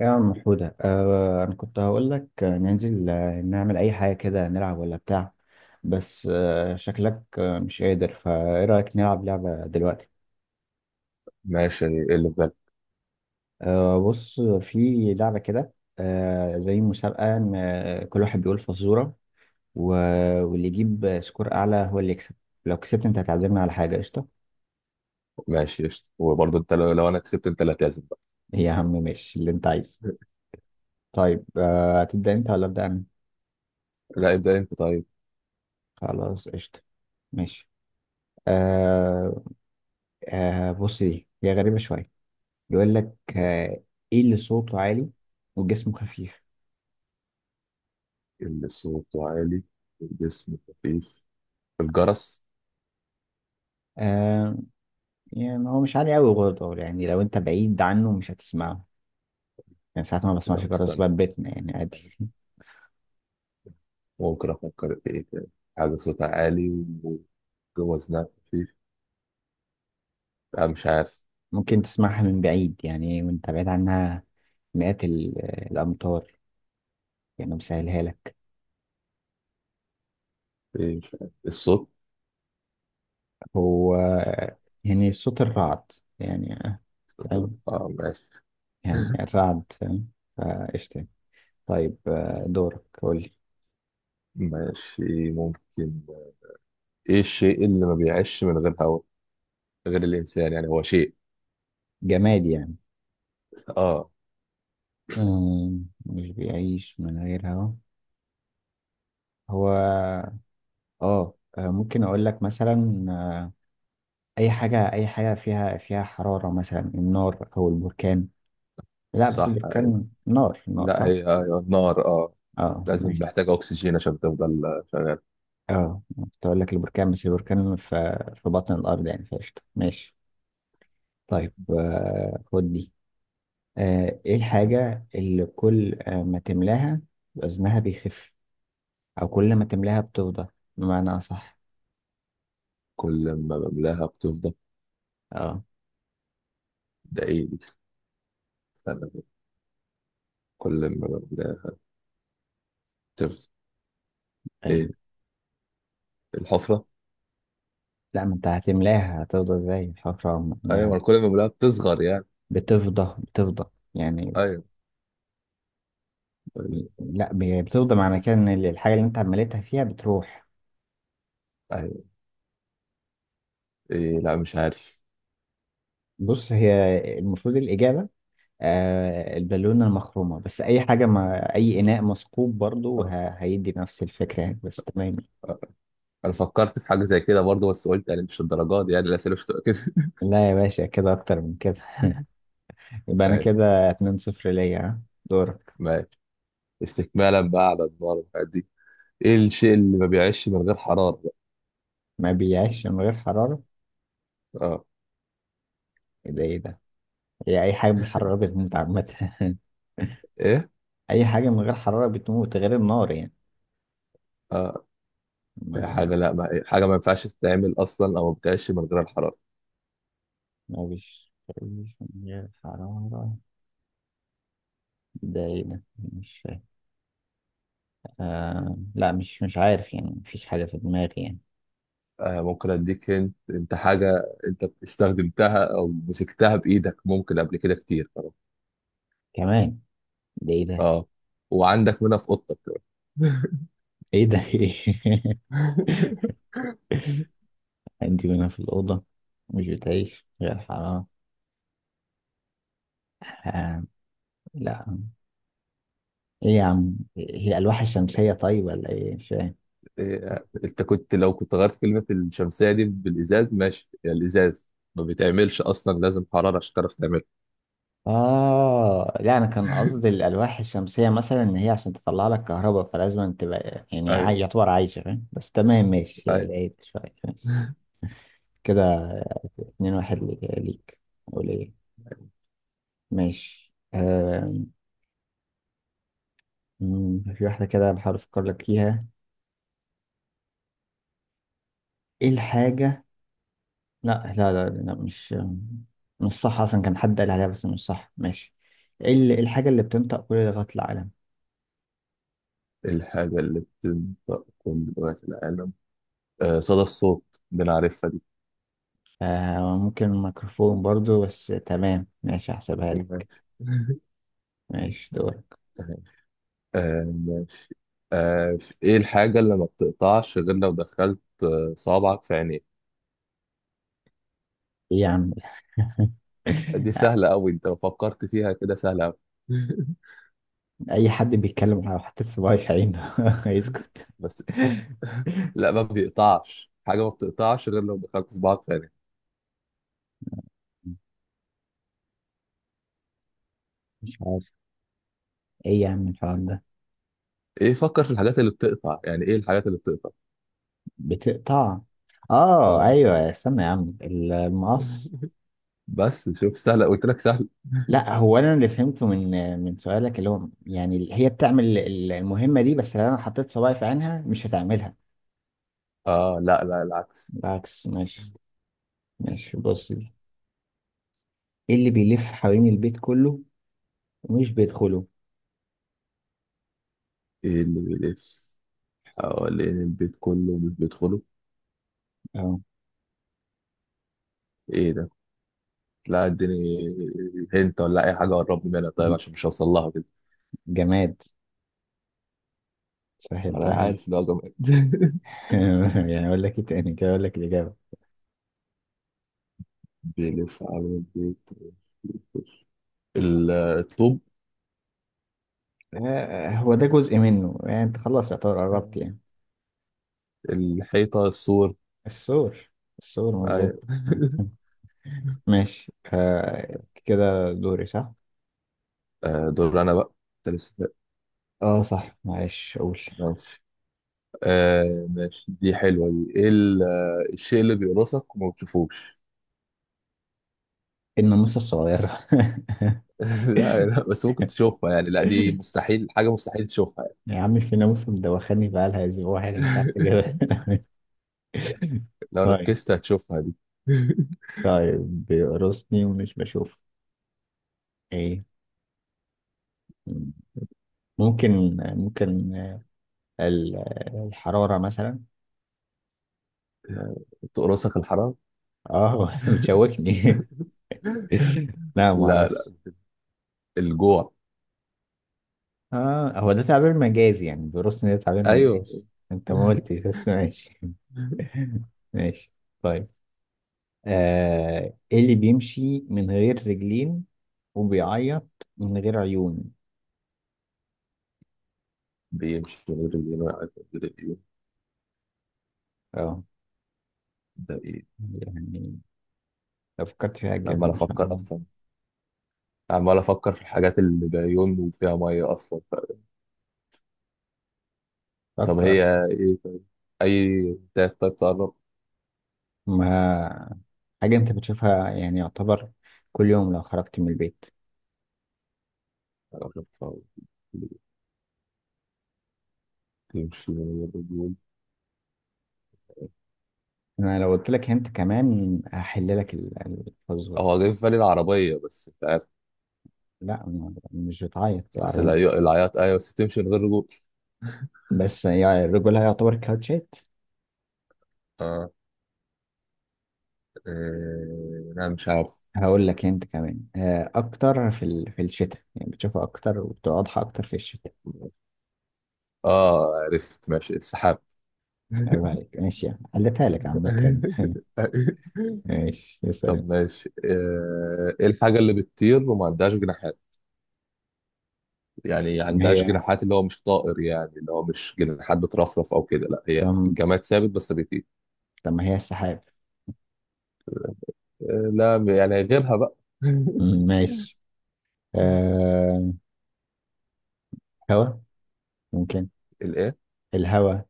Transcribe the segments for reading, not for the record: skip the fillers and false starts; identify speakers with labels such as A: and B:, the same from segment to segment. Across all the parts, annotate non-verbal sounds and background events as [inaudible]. A: يا عم حودة، أنا كنت هقول لك، ننزل، نعمل أي حاجة كده، نلعب ولا بتاع. بس شكلك مش قادر، فإيه رأيك نلعب لعبة دلوقتي؟
B: ماشي، ايه اللي في بالك؟
A: بص، في لعبة كده. زي مسابقة إن، كل واحد بيقول فزورة. واللي يجيب سكور أعلى هو اللي يكسب. لو كسبت أنت هتعزمنا على حاجة، قشطة؟
B: ماشي قشطة، وبرضه انت لو انا كسبت انت اللي هتعزم بقى.
A: إيه يا عم، ماشي اللي أنت عايزه. طيب، هتبدأ أنت ولا أبدأ أنا؟
B: لا ابدأ انت طيب.
A: خلاص، قشطة. ماشي. آه. بص، دي هي غريبة شوية. بيقول لك، آه، ايه اللي صوته عالي وجسمه خفيف؟
B: اللي صوته عالي والجسم خفيف، الجرس.
A: آه. يعني هو مش عالي قوي برضه، يعني لو انت بعيد عنه مش هتسمعه. يعني ساعات ما بسمعش
B: طب
A: جرس
B: استنى،
A: باب بيتنا، يعني عادي. [laughs]
B: ممكن افكر في ايه تاني. حاجة صوتها عالي وجوه وزنها خفيف. لا مش عارف.
A: ممكن تسمعها من بعيد، يعني وانت بعيد عنها. مئات الامتار. يعني مسهلها لك.
B: ايه مش عارف الصوت.
A: هو، يعني صوت الرعد. يعني، فاهم؟
B: اه ماشي.
A: يعني
B: [laughs]
A: الرعد، فاهم. فقشطة. طيب، دورك قول لي.
B: ماشي ممكن. ايه الشيء اللي ما بيعيش من غير هواء غير الانسان؟ يعني هو شيء.
A: جماد يعني.
B: اه.
A: مش بيعيش من غير هوا. هو، ممكن اقول لك مثلا، اي حاجه فيها حراره، مثلا النار او البركان. لا، بس
B: صح أيوة.
A: البركان نار، نار
B: لا
A: صح.
B: هي ايوه نار اه.
A: اه
B: لازم
A: ماشي.
B: محتاجة أكسجين عشان تفضل شغال.
A: اه، كنت اقول لك البركان، بس البركان في بطن الارض يعني، فقشطه ماشي. طيب، خد دي. ايه الحاجه اللي كل، ما تملاها وزنها بيخف، او كل ما تملاها بتفضى؟ بمعنى اصح.
B: كل ما بملاها بتفضل.
A: اه
B: ده إيه دي؟ أنا كل ما بملاها بتفضل. إيه،
A: ايوه.
B: الحفرة.
A: لا، ما انت هتملاها هتفضى ازاي، حفرة
B: أيوة
A: ما؟
B: أنا كل ما بملاها بتصغر يعني.
A: بتفضى، بتفضى يعني.
B: أيوة.
A: لا، بتفضى معنى كده ان الحاجه اللي انت عملتها فيها بتروح.
B: أيوة. إيه، لا مش عارف.
A: بص هي، المفروض الاجابه البالونه المخرومه. بس اي حاجه، ما اي اناء مثقوب برضو،
B: آه،
A: هيدي نفس الفكره يعني. بس تمام.
B: آه. أنا فكرت في حاجة زي كده برضه، بس قلت يعني مش الدرجات دي، يعني الأسئلة مش هتبقى كده.
A: لا يا باشا، كده اكتر من كده. [laughs]
B: [laughs]
A: يبقى انا
B: ماشي
A: كده 2 صفر ليا، ها؟ دورك.
B: ماشي. استكمالا بقى على النار والحاجات دي، إيه الشيء اللي ما بيعيش من غير حرارة بقى؟
A: ما بيعيش من غير حراره.
B: آه.
A: ايه ده، ايه ده؟ هي اي حاجه بالحراره بتموت عامه. [laughs]
B: إيه؟
A: اي حاجه من غير حراره بتموت غير النار،
B: آه، هي حاجة،
A: يعني.
B: لا ما حاجة ما ينفعش تتعمل أصلا أو ما بتعيش من غير الحرارة.
A: مش مش من الحرارة؟ ده ايه ده، مش فاهم. لا، مش عارف، يعني مفيش حاجة في دماغي يعني.
B: آه، ممكن اديك انت, انت حاجه انت استخدمتها او مسكتها بايدك ممكن قبل كده كتير طبعا.
A: كمان؟ ده ايه ده،
B: اه، وعندك منها في اوضتك.
A: ايه ده. [laughs] ايه، انت هنا في الأوضة مش بتعيش غير الحرارة. آه... لا. ايه يا عم، هي الألواح الشمسية؟ طيب ولا ايه، مش فاهم.
B: إيه، انت كنت لو كنت غيرت كلمه الشمسيه دي بالازاز، ماشي يا الازاز ما بيتعملش اصلا، لازم حراره عشان تعرف تعمله.
A: اه لا، انا كان قصدي الالواح الشمسيه، مثلا ان هي عشان تطلع لك كهرباء فلازم تبقى يعني
B: ايوه.
A: يعتبر عايشه، فاهم؟ بس تمام ماشي،
B: ايوه.
A: بعيد شويه، ماشي.
B: [laughs]
A: كده 2-1 ليك. أقول إيه؟ ماشي. آم، مم، في واحدة كده بحاول أفكر لك فيها. إيه الحاجة؟ لا لا لا، لا. مش، مش صح أصلا، كان حد قال عليها بس مش صح، ماشي. إيه الحاجة اللي بتنطق كل لغات العالم؟
B: الحاجه اللي بتنطق كل لغات العالم، آه صدى الصوت، بنعرفها دي.
A: ممكن ميكروفون برضو، بس تمام ماشي هحسبها لك.
B: [laughs]
A: ماشي دورك.
B: آه. آه، ايه الحاجه اللي ما بتقطعش غير لو دخلت صابعك في عينيك؟
A: إيه يا عم؟
B: دي
A: [laughs]
B: سهلة أوي، أنت لو فكرت فيها كده سهلة أوي.
A: أي حد بيتكلم، لو حطيت صباعي في عينه [laughs]
B: [laughs]
A: هيسكت.
B: بس، لا ما بيقطعش حاجة، ما بتقطعش غير لو دخلت صباعك تاني.
A: مش عارف، إيه يا عم الحوار ده؟
B: إيه، فكر في الحاجات اللي بتقطع، يعني إيه الحاجات اللي بتقطع؟
A: بتقطع. اه
B: آه.
A: ايوه، استنى يا عم، المقص.
B: [laughs] بس شوف سهلة قلت لك سهل.
A: لا، هو انا اللي فهمته من، سؤالك، اللي هو يعني هي بتعمل المهمه دي، بس لو انا حطيت صباعي في عينها مش هتعملها.
B: آه، لا لا العكس.
A: بالعكس، ماشي. ماشي بص دي. ايه اللي بيلف حوالين البيت كله ومش بيدخله؟
B: إيه اللي بيلف حوالين البيت كله مش بيدخله؟
A: اه،
B: إيه ده؟ لا اديني، هنت ولا أي حاجة قربني منها طيب عشان مش هوصل لها كده.
A: جماد،
B: أنا
A: سهلتها.
B: عارف إن هو جامد.
A: [laughs] يعني اقول لك ايه تاني كده، اقول لك الاجابه.
B: [laughs] بيلف حوالين البيت، ال- الطوب.
A: هو ده جزء منه يعني، انت خلاص يعتبر قربت
B: مم.
A: يعني.
B: الحيطة، السور.
A: السور. السور،
B: أيوة.
A: مظبوط.
B: [laughs]
A: ماشي. كده دوري، صح؟
B: آه، دور أنا بقى. أنت لسه سائل.
A: اه صح، معلش اقول.
B: ماشي. آه ماشي دي حلوة. دي إيه ال- آه، الشيء اللي بيقرصك وما بتشوفوش؟
A: الناموسة الصغيرة.
B: [laughs] لا لا، بس ممكن تشوفها يعني، لا دي
A: [laughs]
B: مستحيل، حاجة مستحيل تشوفها يعني.
A: يا عم في ناموسة مدوخاني بقالها اسبوع، انا مش عارف اجيبها.
B: [laughs]
A: [laughs]
B: لو
A: طيب.
B: ركزت هتشوفها دي. [laughs]
A: طيب بيقرصني ومش بشوف. ايه؟ ممكن، ال- الحرارة مثلا.
B: آه، تقرصك الحرام.
A: اه [laughs] بتشوكني. [laughs] لا
B: لا لا،
A: معرفش.
B: الجوع.
A: اه، هو ده تعبير مجازي يعني، بيرص ان ده تعبير
B: أيوه.
A: مجازي. انت ما قلتش بس ماشي. [laughs]
B: [laughs]
A: ماشي. طيب. ايه اللي بيمشي من غير رجلين وبيعيط من غير عيون؟
B: بيمشي من غير اليمين، عارف من غير اليمين،
A: اه
B: ده إيه؟
A: يعني، لو فكرت فيها
B: أنا
A: هتجيبها
B: عمال
A: ان شاء
B: أفكر
A: الله.
B: أصلا، عمال افكر في الحاجات اللي بعيون وفيها ميه اصلا ف... طب
A: فكر.
B: هي، ايه طيب؟ اي تاك طيب تقرب.
A: ما حاجة انت بتشوفها يعني، يعتبر كل يوم لو خرجت من البيت.
B: أقرب. تمشي من غير رجول.
A: انا لو قلت لك انت كمان هحل لك الفزورة.
B: هو جاي في بالي العربية بس مش عارف.
A: لا، مش بتعيط
B: بس
A: العربية.
B: العي- العياط أيوة، بس بتمشي من غير رجول.
A: بس يعني الرجولة هيعتبر كاوتشات.
B: اه. إيه... لا مش عارف.
A: هقول لك انت كمان، اكتر في الشتاء، يعني بتشوفها اكتر وبتبقى واضحة اكتر في الشتاء.
B: اه عرفت، ماشي السحاب.
A: عيب عليك، ماشي، يعني قلتها لك عامة. [laughs]
B: [laughs]
A: ماشي يا
B: طب
A: سلام.
B: ماشي، آه، ايه الحاجة اللي بتطير وما عندهاش جناحات؟ يعني
A: ما
B: عندهاش
A: هي،
B: جناحات، اللي هو مش طائر، يعني اللي هو مش جناحات بترفرف او كده، لا هي
A: طب
B: الجماد ثابت بس بيطير.
A: طب ما هي السحاب. [laughs]
B: آه، لا يعني غيرها بقى.
A: ماشي. أه... هوا، ممكن،
B: [laughs] الايه؟
A: الهوا.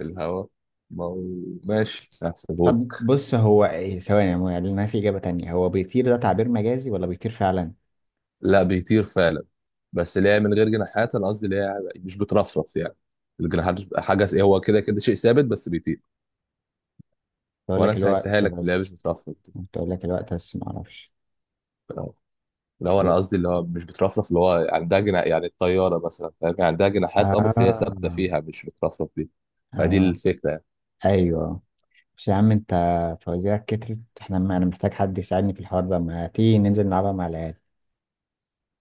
B: الهواء. ما هو. ماشي هحسبهولك.
A: طب بص هو إيه؟ ثواني، هو يعني ما في إجابة تانية؟ هو بيطير ده تعبير مجازي ولا بيطير فعلا؟
B: لا بيطير فعلا، بس اللي هي من غير جناحات انا قصدي اللي هي مش بترفرف يعني، الجناحات مش- حاجه س- هو كده كده شيء ثابت بس بيطير.
A: بقول
B: وانا
A: لك
B: سهلتها
A: الوقت
B: لك، اللي هي مش
A: بس.
B: بترفرف
A: بقول لك الوقت بس ما اعرفش.
B: دي، اللي هو انا قصدي اللي هو مش بترفرف، اللي هو عندها جناح يعني الطياره مثلا، فاهم يعني عندها جناحات اه بس هي
A: آه.
B: ثابته فيها مش بترفرف دي، فدي
A: آه
B: الفكره يعني.
A: ايوه. بس يا عم انت فوازيرك كترت، احنا انا محتاج حد يساعدني في الحوار ده، ما تيجي ننزل نلعبها مع العيال؟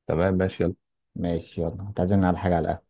B: تمام ماشي يلا.
A: ماشي يلا، هتعزمنا على حاجه، على القهوة.